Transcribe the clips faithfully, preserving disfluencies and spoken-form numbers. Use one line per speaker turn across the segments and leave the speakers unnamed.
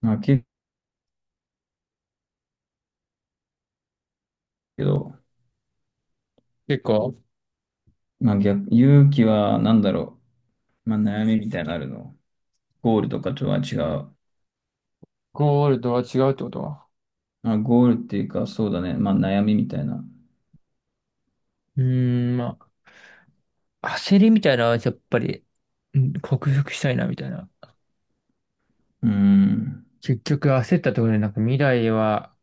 まあ、けど、
結構、
まあ逆、勇気は何だろう。まあ、悩みみたいなのあるの。ゴールとかとは違う。
ゴールドは違うってことは。
まあ、ゴールっていうか、そうだね。まあ、悩みみたいな。
うーん、まあ、焦りみたいなのはやっぱり、うん克服したいな、みたいな。
うーん。
結局焦ったところで、なんか未来は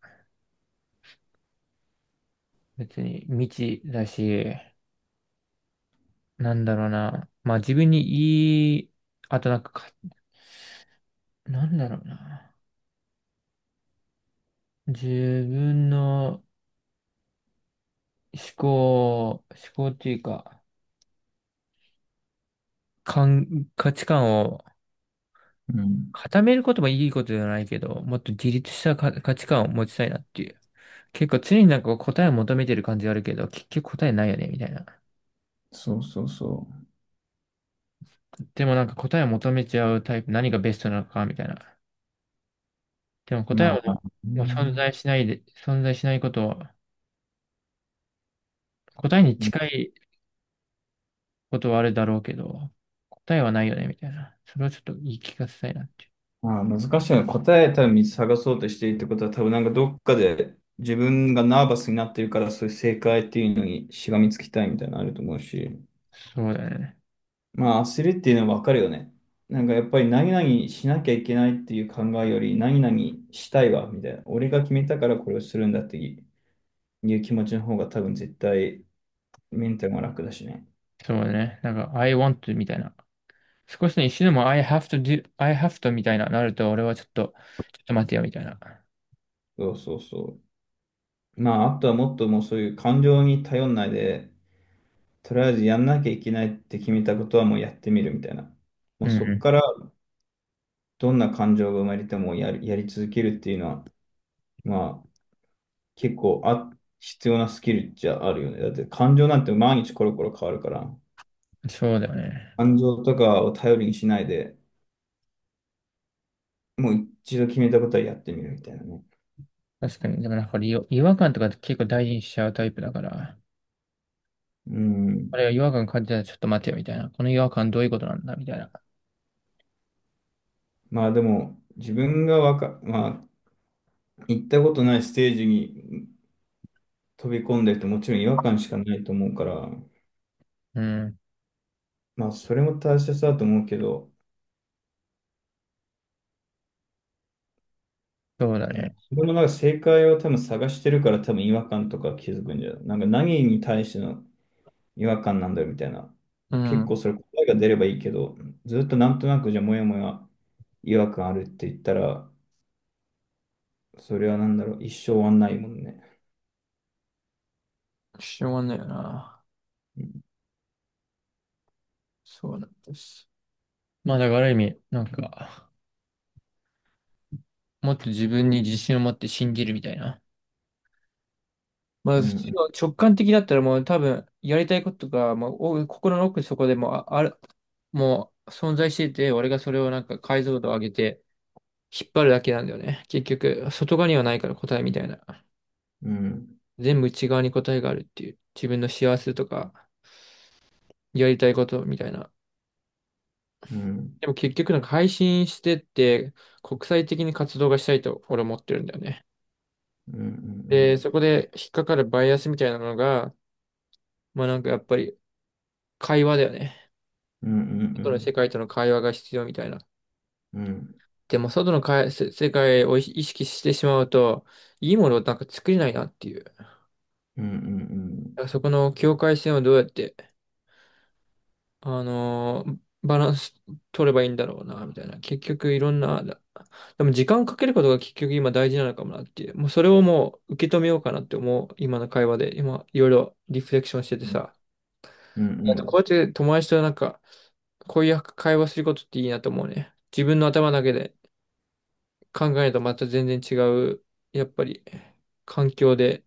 別に未知だし、なんだろうな。まあ自分にいい、あとなんかか、なんだろうな。自分の思考、思考っていうか、感価値観を
うん。
固めることもいいことじゃないけど、もっと自立したか価値観を持ちたいなっていう。結構常になんか答えを求めてる感じがあるけど、結局答えないよね、みたいな。
そうそうそ
でもなんか答えを求めちゃうタイプ、何がベストなのか、みたいな。でも
う。
答え
ま
はも
あ、う
うもう存
ん。
在しないで、存在しないことは、答えに近いことはあるだろうけど、答えはないよね、みたいな。それをちょっと言い聞かせたいなっていう。
まあ、難しいの。答え多分見つ探そうとしているってことは、多分なんかどっかで自分がナーバスになってるから、そういう正解っていうのにしがみつきたいみたいなのあると思うし。
そうだよね。
まあ、焦るっていうのはわかるよね。なんかやっぱり何々しなきゃいけないっていう考えより、何々したいわ、みたいな。俺が決めたからこれをするんだっていう気持ちの方が多分絶対メンタルが楽だしね。
そうだね。なんか、I want to みたいな。少しね、一瞬でも I have to do, I have to みたいななると、俺はちょっと、ちょっと待てよ、みたいな。
そうそうそう。まあ、あとはもっともうそういう感情に頼んないで、とりあえずやんなきゃいけないって決めたことはもうやってみるみたいな。も
う
う
ん
そこ
う
からどんな感情が生まれてもやり、やり続けるっていうのは、まあ、結構あ、必要なスキルっゃあるよね。だって感情なんて毎日コロコロ変わるから、
ん。そうだよね。
感情とかを頼りにしないで、もう一度決めたことはやってみるみたいなね。
確かに。でもなんか俺よ違和感とか結構大事にしちゃうタイプだから、
う
あれ
ん。
は違和感感じたらちょっと待てよみたいな。この違和感どういうことなんだみたいな。
まあでも、自分がわか、まあ、行ったことないステージに飛び込んでるともちろん違和感しかないと思うから、
うん。
まあそれも大切だと思うけど、
そうだ
うん、
ね。
自分のなんか正解を多分探してるから多分違和感とか気づくんじゃない、なんか何に対しての違和感なんだよみたいな。
う
結
ん。
構それ答えが出ればいいけど、ずっとなんとなくじゃあもやもや違和感あるって言ったら、それはなんだろう、一生終わんないもんね。
しょうがないよな。
うん、
そうなんです。まあだからある意味、なんか、もっと自分に自信を持って信じるみたいな。ま
う
あ普通
ん、
の直感的だったらもう多分やりたいことが、まあ、お心の奥底でもうあ、ある、もう存在してて、俺がそれをなんか解像度を上げて引っ張るだけなんだよね。結局、外側にはないから答えみたいな。
うん、
全部内側に答えがあるっていう。自分の幸せとか、やりたいことみたいな。
うん、
でも結局なんか配信してって、国際的に活動がしたいと俺思ってるんだよね。
うん、う
で、そ
ん、
こで引っかかるバイアスみたいなのが、まあなんかやっぱり会話だよね。
うん、う
外の世
ん、
界との会話が必要みたいな。
うん、うん、うん、
でも外のかいせ世界を意識してしまうと、いいものをなんか作れないなっていう。だ
うん、
からそこの境界線をどうやってあのーバランス取ればいいんだろうな、みたいな。結局いろんな、だでも時間をかけることが結局今大事なのかもなっていう。もうそれをもう受け止めようかなって思う、今の会話で。今、いろいろリフレクションしててさ。
う
あとこう
ん、
やって友達となんか、こういう会話することっていいなと思うね。自分の頭だけで考えるとまた全然違う、やっぱり、環境で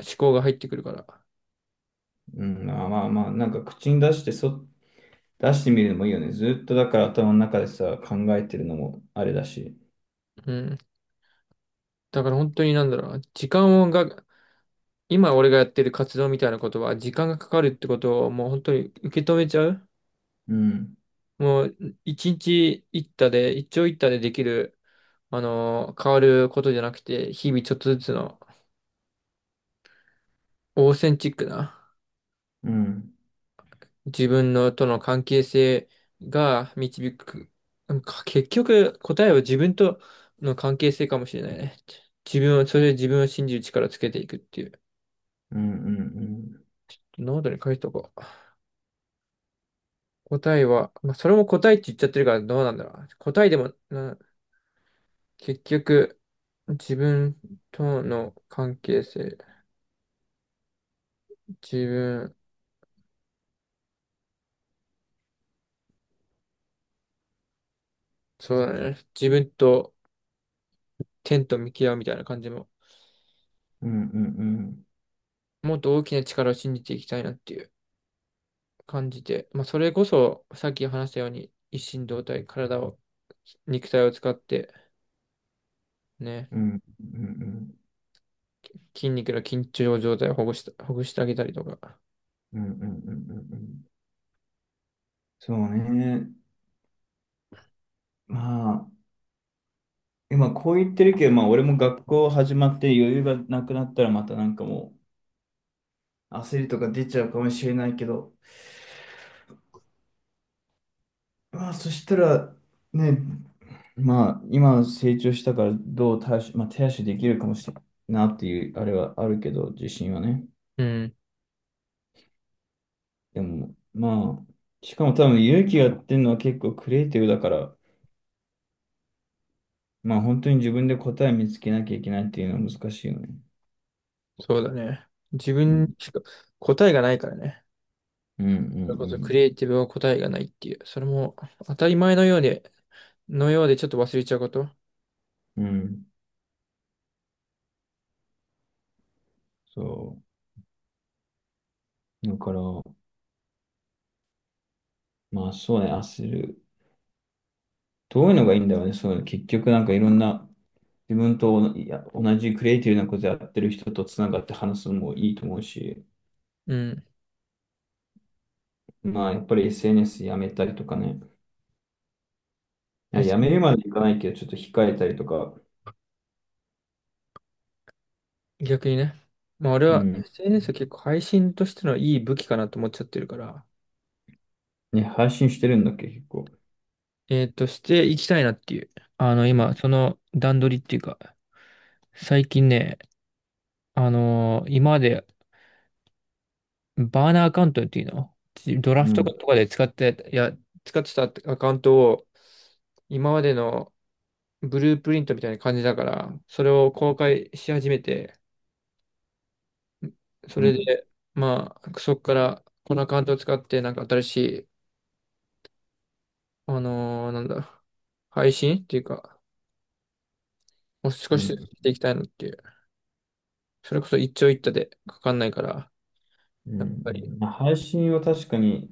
思考が入ってくるから。
うん、まあまあまあ、なんか口に出してそ、出してみるのもいいよね。ずっとだから頭の中でさ、考えてるのもあれだし。
うん。だから本当になんだろうな。時間が今俺がやってる活動みたいなことは時間がかかるってことをもう本当に受け止めちゃう
うん
もう一日一多で、一長一短でできる、あのー変わることじゃなくて、日々ちょっとずつのオーセンチックな
うん、
自分のとの関係性が導く。なんか結局答えは自分との関係性かもしれないね。自分を、それで自分を信じる力をつけていくっていう。
うん、うん、うん、
ノートに書いとこう。答えは、まあ、それも答えって言っちゃってるからどうなんだろう。答えでもな結局、自分との関係性、自分、そうだね。自分と天と向き合うみたいな感じも、
うん、うん、うん、
もっと大きな力を信じていきたいなっていう感じで、まあ、それこそ、さっき話したように、一心同体、体を、肉体を使って、ね、
うん、うん、
筋肉の緊張状態をほぐした、ほぐしてあげたりとか。
うん、うん、うん、うん、うんうん、そうね。まあ、今こう言ってるけど、まあ俺も学校始まって余裕がなくなったらまたなんかもう焦りとか出ちゃうかもしれないけど、まあそしたらね、まあ今成長したからどう対処、まあ、手足できるかもしれないなっていうあれはあるけど、自信はね。
うん、
でもまあ、しかも多分勇気がやってるのは結構クリエイティブだから、まあ本当に自分で答え見つけなきゃいけないっていうのは難しいよね。
そうだね。自分にしか答えがないからね。
うんう
それこそクリエ
ん
イティブは答えがないっていう、それも当たり前のようで、のようでちょっと忘れちゃうこと。
うん。うん。そう。だから、まあそうね、焦る。どういうのがいいんだろうね。そうね、結局なんかいろんな、自分といや同じクリエイティブなことやってる人とつながって話すのもいいと思うし、
うん。
まあやっぱり エスエヌエス やめたりとかね。いや、やめる
え
までいかないけど、ちょっと控えたりとか、
逆にね。まあ俺
う
は
ん。
エスエヌエス は結構配信としてのいい武器かなと思っちゃってるから、
ね、配信してるんだっけ、結構。
えーと、していきたいなっていう。あの、今、その段取りっていうか、最近ね、あのー今までバーナーアカウントっていうの、ドラ
う
フト
ん。
とかで使って、いや、使ってたアカウントを、今までのブループリントみたいな感じだから、それを公開し始めて、そ
う
れ
ん。
で、まあ、そこから、このアカウントを使って、なんか新しい、あのーなんだ、配信っていうか、もう少
う
しずつ
ん。
していきたいのっていう。それこそ一長一短でかかんないから、
うん
やっぱ
う
り、
ん、まあ配信は確かに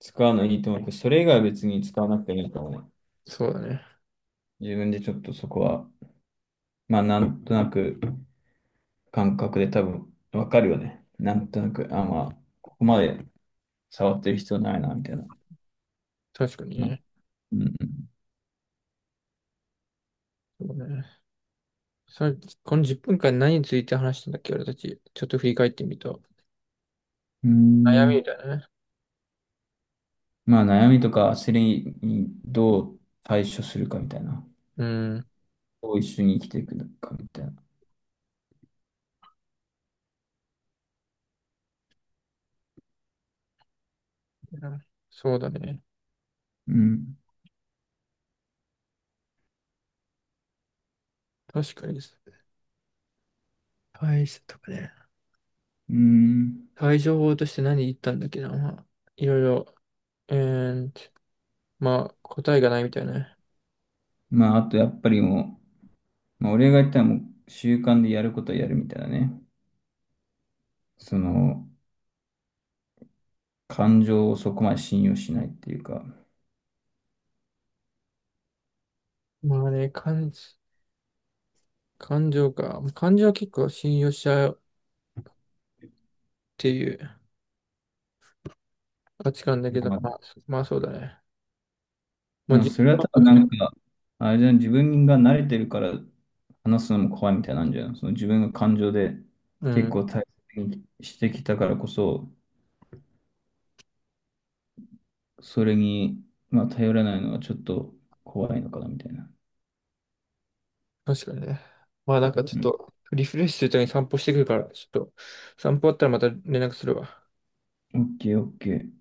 使うのいいと思うけど、それ以外は別に使わなくていいと思うね。
そうだね。
自分でちょっとそこは、まあなんとなく感覚で多分わかるよね。なんとなく、あ、まあ、ここまで触ってる必要ないな、みたいな。
確かに
な、
ね。
うん
そうね。さ、このじゅっぷんかん何について話したんだっけ、俺たち。ちょっと振り返ってみると。
うん。
悩
うー
みみ
ん。
たいなね。
まあ悩みとか焦りにどう対処するかみたいな。
うん。
どう一緒に生きていくのかみたいな。
そうだね。
うん。
確かにです。対処とかね。
うーん。
対処法として何言ったんだっけな。まあ、いろいろ、えーまあ、答えがないみたいなね。
まああとやっぱりもう、まあ俺が言ったらもう習慣でやることはやるみたいなね。その、感情をそこまで信用しないっていうか、
まあね、感、感情か。感情は結構信用しちゃうっていう価値観だけど、
まあ
まあ、まあそうだね。まあ
うん、
実
それは
感は
多分
確
な
か
んか、あれじゃん、自分が慣れてるから話すのも怖いみたいなんじゃん。その自分が感情で
にう
結
ん、
構大切にしてきたからこそ、それに、まあ、頼らないのはちょっと怖いのかなみたいな。
確かにね。まあなんかちょっ
うん。
と、リフレッシュするために散歩してくるから、ちょっと、散歩終わったらまた連絡するわ。
オッケー、オッケー。